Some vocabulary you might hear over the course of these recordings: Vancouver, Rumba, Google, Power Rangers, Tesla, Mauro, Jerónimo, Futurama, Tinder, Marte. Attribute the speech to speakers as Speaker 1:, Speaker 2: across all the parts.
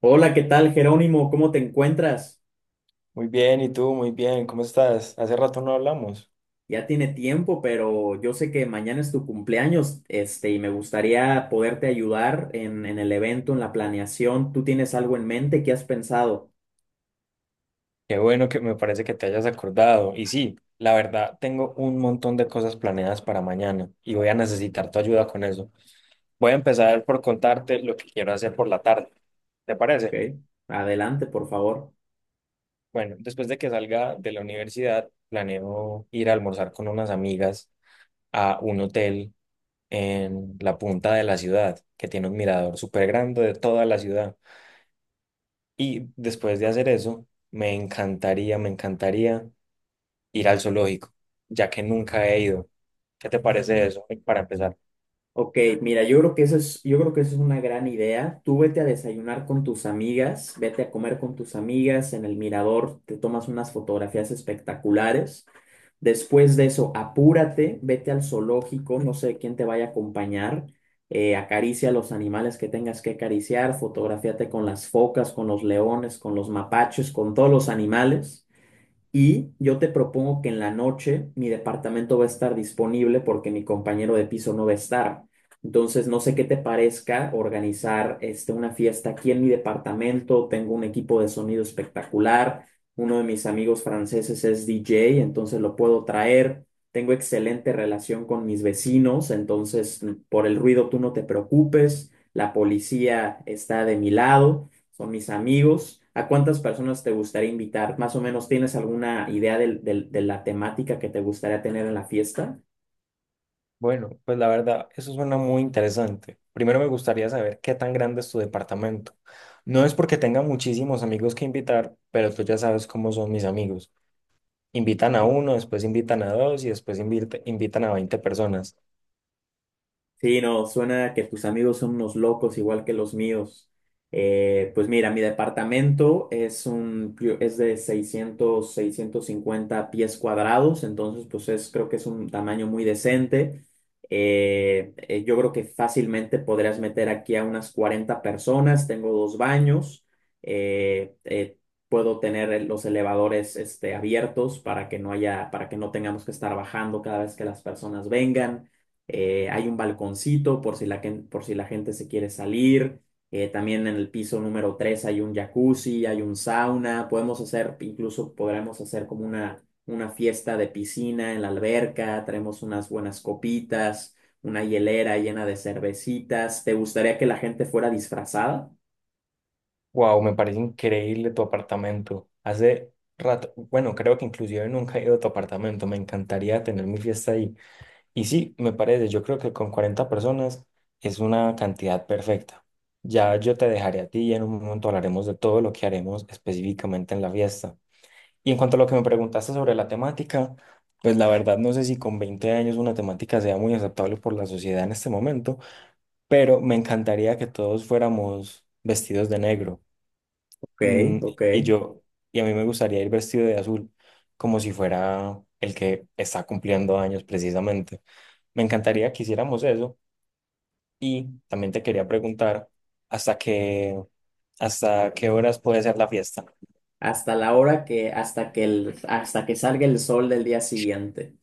Speaker 1: Hola, ¿qué tal, Jerónimo? ¿Cómo te encuentras?
Speaker 2: Muy bien, ¿y tú? Muy bien, ¿cómo estás? Hace rato no hablamos.
Speaker 1: Ya tiene tiempo, pero yo sé que mañana es tu cumpleaños, y me gustaría poderte ayudar en el evento, en la planeación. ¿Tú tienes algo en mente? ¿Qué has pensado?
Speaker 2: Qué bueno que me parece que te hayas acordado. Y sí, la verdad, tengo un montón de cosas planeadas para mañana y voy a necesitar tu ayuda con eso. Voy a empezar por contarte lo que quiero hacer por la tarde. ¿Te parece?
Speaker 1: Ok, adelante, por favor.
Speaker 2: Bueno, después de que salga de la universidad, planeo ir a almorzar con unas amigas a un hotel en la punta de la ciudad, que tiene un mirador súper grande de toda la ciudad. Y después de hacer eso, me encantaría ir al zoológico, ya que nunca he ido. ¿Qué te parece eso, para empezar?
Speaker 1: Ok, mira, yo creo que eso es una gran idea. Tú vete a desayunar con tus amigas, vete a comer con tus amigas en el mirador, te tomas unas fotografías espectaculares. Después de eso, apúrate, vete al zoológico, no sé quién te vaya a acompañar, acaricia a los animales que tengas que acariciar, fotografíate con las focas, con los leones, con los mapaches, con todos los animales. Y yo te propongo que en la noche mi departamento va a estar disponible porque mi compañero de piso no va a estar. Entonces, no sé qué te parezca organizar una fiesta aquí en mi departamento. Tengo un equipo de sonido espectacular. Uno de mis amigos franceses es DJ, entonces lo puedo traer. Tengo excelente relación con mis vecinos, entonces por el ruido tú no te preocupes. La policía está de mi lado son mis amigos. ¿A cuántas personas te gustaría invitar? Más o menos, ¿tienes alguna idea de la temática que te gustaría tener en la fiesta?
Speaker 2: Bueno, pues la verdad, eso suena muy interesante. Primero me gustaría saber qué tan grande es tu departamento. No es porque tenga muchísimos amigos que invitar, pero tú ya sabes cómo son mis amigos. Invitan a uno, después invitan a dos y después invitan a 20 personas.
Speaker 1: Sí, no, suena que tus amigos son unos locos igual que los míos. Pues mira, mi departamento es de seiscientos 650 pies cuadrados, entonces pues es, creo que es un tamaño muy decente. Yo creo que fácilmente podrías meter aquí a unas 40 personas, tengo dos baños, eh, eh, puedo tener los elevadores abiertos, para que no tengamos que estar bajando cada vez que las personas vengan. Hay un balconcito por si la gente se quiere salir. También en el piso número 3 hay un jacuzzi, hay un sauna. Incluso podremos hacer como una fiesta de piscina en la alberca. Traemos unas buenas copitas, una hielera llena de cervecitas. ¿Te gustaría que la gente fuera disfrazada?
Speaker 2: Wow, me parece increíble tu apartamento. Hace rato, bueno, creo que inclusive nunca he ido a tu apartamento. Me encantaría tener mi fiesta ahí. Y sí, me parece, yo creo que con 40 personas es una cantidad perfecta. Ya yo te dejaré a ti y en un momento hablaremos de todo lo que haremos específicamente en la fiesta. Y en cuanto a lo que me preguntaste sobre la temática, pues la verdad no sé si con 20 años una temática sea muy aceptable por la sociedad en este momento, pero me encantaría que todos fuéramos vestidos de negro.
Speaker 1: Ok,
Speaker 2: Mm,
Speaker 1: ok.
Speaker 2: y yo, y a mí me gustaría ir vestido de azul, como si fuera el que está cumpliendo años precisamente. Me encantaría que hiciéramos eso. Y también te quería preguntar, ¿hasta qué, hasta qué horas puede ser la fiesta?
Speaker 1: Hasta la hora que, hasta que el, hasta que salga el sol del día siguiente.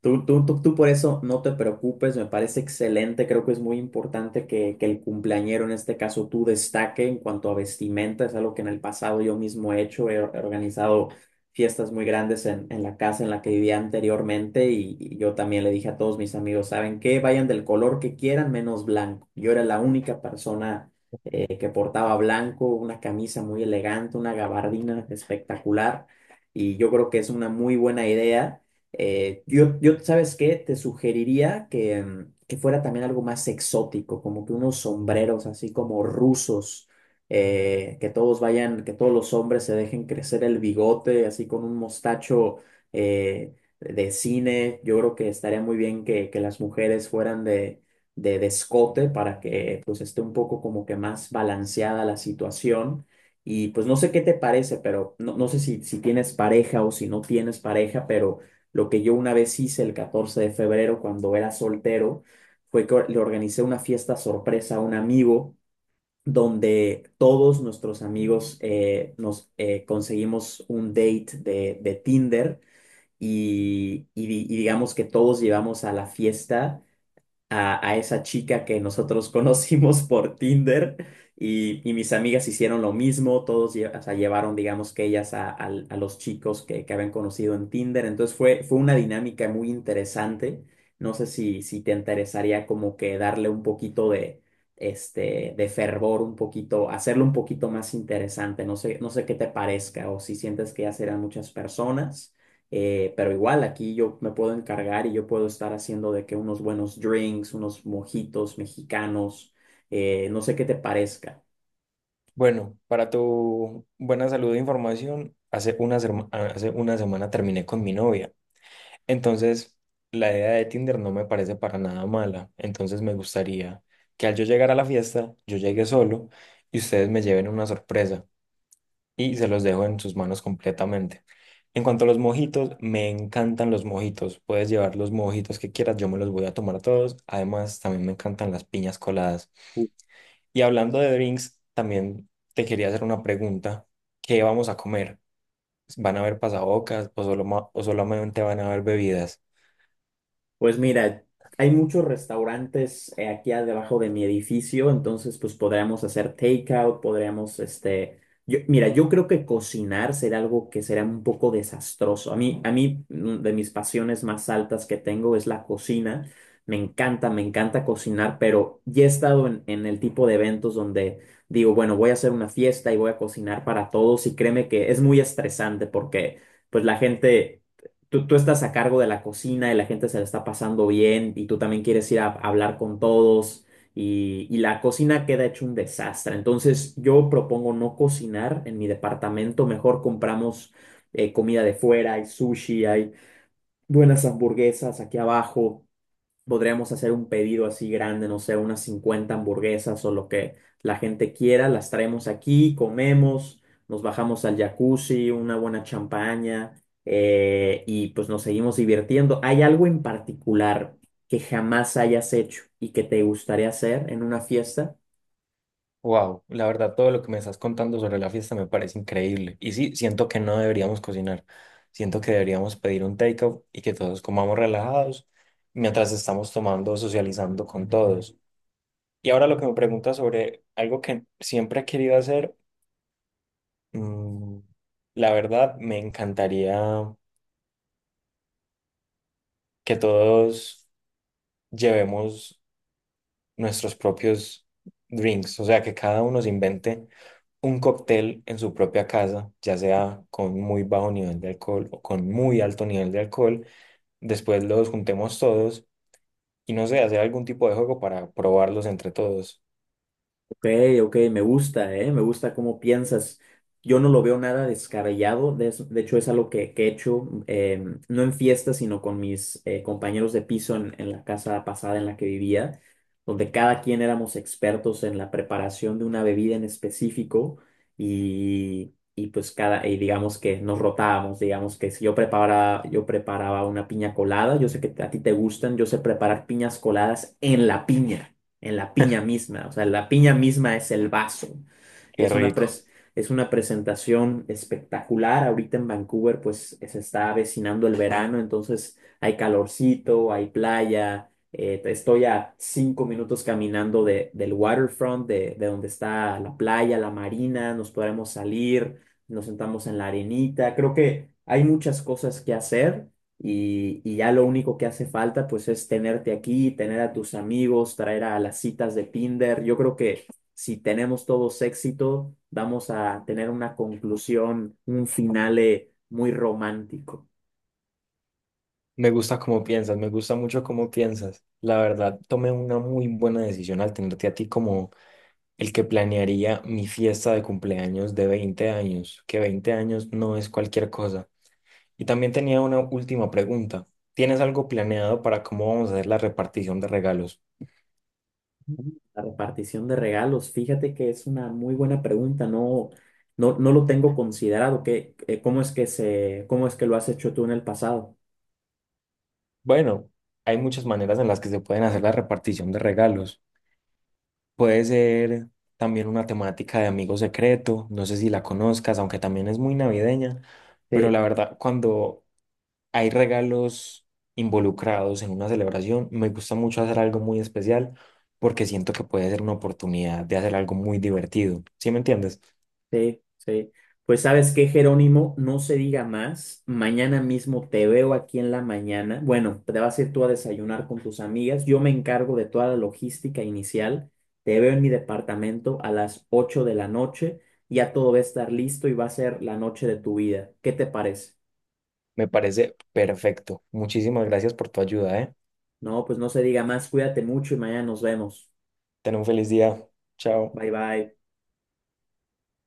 Speaker 1: Tú por eso no te preocupes, me parece excelente, creo que es muy importante que el cumpleañero, en este caso tú, destaque en cuanto a vestimenta, es algo que en el pasado yo mismo he hecho, he organizado fiestas muy grandes en la casa en la que vivía anteriormente y yo también le dije a todos mis amigos, ¿saben qué? Vayan del color que quieran menos blanco. Yo era la única persona que portaba blanco, una camisa muy elegante, una gabardina espectacular y yo creo que es una muy buena idea. ¿Sabes qué? Te sugeriría que fuera también algo más exótico, como que unos sombreros así como rusos, que todos vayan, que todos los hombres se dejen crecer el bigote, así con un mostacho eh, de cine. Yo creo que estaría muy bien que las mujeres fueran de escote para que pues esté un poco como que más balanceada la situación. Y pues no sé qué te parece, pero no, no sé si tienes pareja o si no tienes pareja, pero. Lo que yo una vez hice el 14 de febrero cuando era soltero fue que le organicé una fiesta sorpresa a un amigo donde todos nuestros amigos nos conseguimos un date de Tinder y digamos que todos llevamos a la fiesta a esa chica que nosotros conocimos por Tinder y mis amigas hicieron lo mismo, o sea, llevaron, digamos que ellas a los chicos que habían conocido en Tinder, entonces fue una dinámica muy interesante, no sé si te interesaría como que darle un poquito de fervor, un poquito, hacerlo un poquito más interesante, no sé, no sé qué te parezca o si sientes que ya serán muchas personas. Pero igual aquí yo me puedo encargar y yo puedo estar haciendo de que unos buenos drinks, unos mojitos mexicanos, no sé qué te parezca.
Speaker 2: Bueno, para tu buena salud e información, hace una semana terminé con mi novia. Entonces, la idea de Tinder no me parece para nada mala. Entonces, me gustaría que al yo llegar a la fiesta, yo llegue solo y ustedes me lleven una sorpresa y se los dejo en sus manos completamente. En cuanto a los mojitos, me encantan los mojitos. Puedes llevar los mojitos que quieras, yo me los voy a tomar todos. Además, también me encantan las piñas coladas. Y hablando de drinks, también te quería hacer una pregunta. ¿Qué vamos a comer? ¿Van a haber pasabocas o, o solamente van a haber bebidas?
Speaker 1: Pues mira, hay muchos restaurantes aquí debajo de mi edificio, entonces pues podríamos hacer takeout, mira, yo creo que cocinar será algo que será un poco desastroso. A mí, de mis pasiones más altas que tengo es la cocina. Me encanta cocinar, pero ya he estado en el tipo de eventos donde digo, bueno, voy a hacer una fiesta y voy a cocinar para todos y créeme que es muy estresante porque pues la gente tú estás a cargo de la cocina y la gente se la está pasando bien y tú también quieres ir a, hablar con todos y la cocina queda hecho un desastre. Entonces yo propongo no cocinar en mi departamento, mejor compramos comida de fuera, hay sushi, hay buenas hamburguesas aquí abajo. Podríamos hacer un pedido así grande, no sé, unas 50 hamburguesas o lo que la gente quiera, las traemos aquí, comemos, nos bajamos al jacuzzi, una buena champaña y pues nos seguimos divirtiendo. ¿Hay algo en particular que jamás hayas hecho y que te gustaría hacer en una fiesta?
Speaker 2: Wow, la verdad, todo lo que me estás contando sobre la fiesta me parece increíble. Y sí, siento que no deberíamos cocinar. Siento que deberíamos pedir un takeout y que todos comamos relajados mientras estamos tomando, socializando con todos. Y ahora lo que me preguntas sobre algo que siempre he querido hacer, mm, la verdad, me encantaría que todos llevemos nuestros propios drinks, o sea, que cada uno se invente un cóctel en su propia casa, ya sea con muy bajo nivel de alcohol o con muy alto nivel de alcohol. Después los juntemos todos y no sé, hacer algún tipo de juego para probarlos entre todos.
Speaker 1: Ok, ok, me gusta, ¿eh? Me gusta cómo piensas. Yo no lo veo nada descabellado, de hecho es algo que he hecho, no en fiestas, sino con mis compañeros de piso en la casa pasada en la que vivía, donde cada quien éramos expertos en la preparación de una bebida en específico y digamos que nos rotábamos, digamos que si yo preparaba, yo preparaba una piña colada, yo sé que a ti te gustan, yo sé preparar piñas coladas en la piña misma. O sea, la piña misma es el vaso. Y
Speaker 2: Qué rico.
Speaker 1: es una presentación espectacular. Ahorita en Vancouver, pues se está avecinando el verano, entonces hay calorcito, hay playa. Estoy a 5 minutos caminando del waterfront, de donde está la playa, la marina. Nos podremos salir, nos sentamos en la arenita. Creo que hay muchas cosas que hacer y ya lo único que hace falta pues es tenerte aquí, tener a tus amigos, traer a las citas de Tinder. Yo creo que si tenemos todos éxito, vamos a tener una conclusión, un finale muy romántico.
Speaker 2: Me gusta cómo piensas, me gusta mucho cómo piensas. La verdad, tomé una muy buena decisión al tenerte a ti como el que planearía mi fiesta de cumpleaños de 20 años, que 20 años no es cualquier cosa. Y también tenía una última pregunta. ¿Tienes algo planeado para cómo vamos a hacer la repartición de regalos?
Speaker 1: La repartición de regalos, fíjate que es una muy buena pregunta, no, no, no lo tengo considerado. ¿Qué, cómo es que se, cómo es que lo has hecho tú en el pasado?
Speaker 2: Bueno, hay muchas maneras en las que se pueden hacer la repartición de regalos. Puede ser también una temática de amigo secreto, no sé si la conozcas, aunque también es muy navideña, pero
Speaker 1: Sí.
Speaker 2: la verdad, cuando hay regalos involucrados en una celebración, me gusta mucho hacer algo muy especial porque siento que puede ser una oportunidad de hacer algo muy divertido. ¿Sí me entiendes?
Speaker 1: Sí, sí. Pues sabes qué, Jerónimo, no se diga más. Mañana mismo te veo aquí en la mañana. Bueno, te vas a ir tú a desayunar con tus amigas. Yo me encargo de toda la logística inicial. Te veo en mi departamento a las 8 de la noche. Ya todo va a estar listo y va a ser la noche de tu vida. ¿Qué te parece?
Speaker 2: Me parece perfecto. Muchísimas gracias por tu ayuda, ¿eh?
Speaker 1: No, pues no se diga más. Cuídate mucho y mañana nos vemos.
Speaker 2: Ten un feliz día. Chao.
Speaker 1: Bye bye.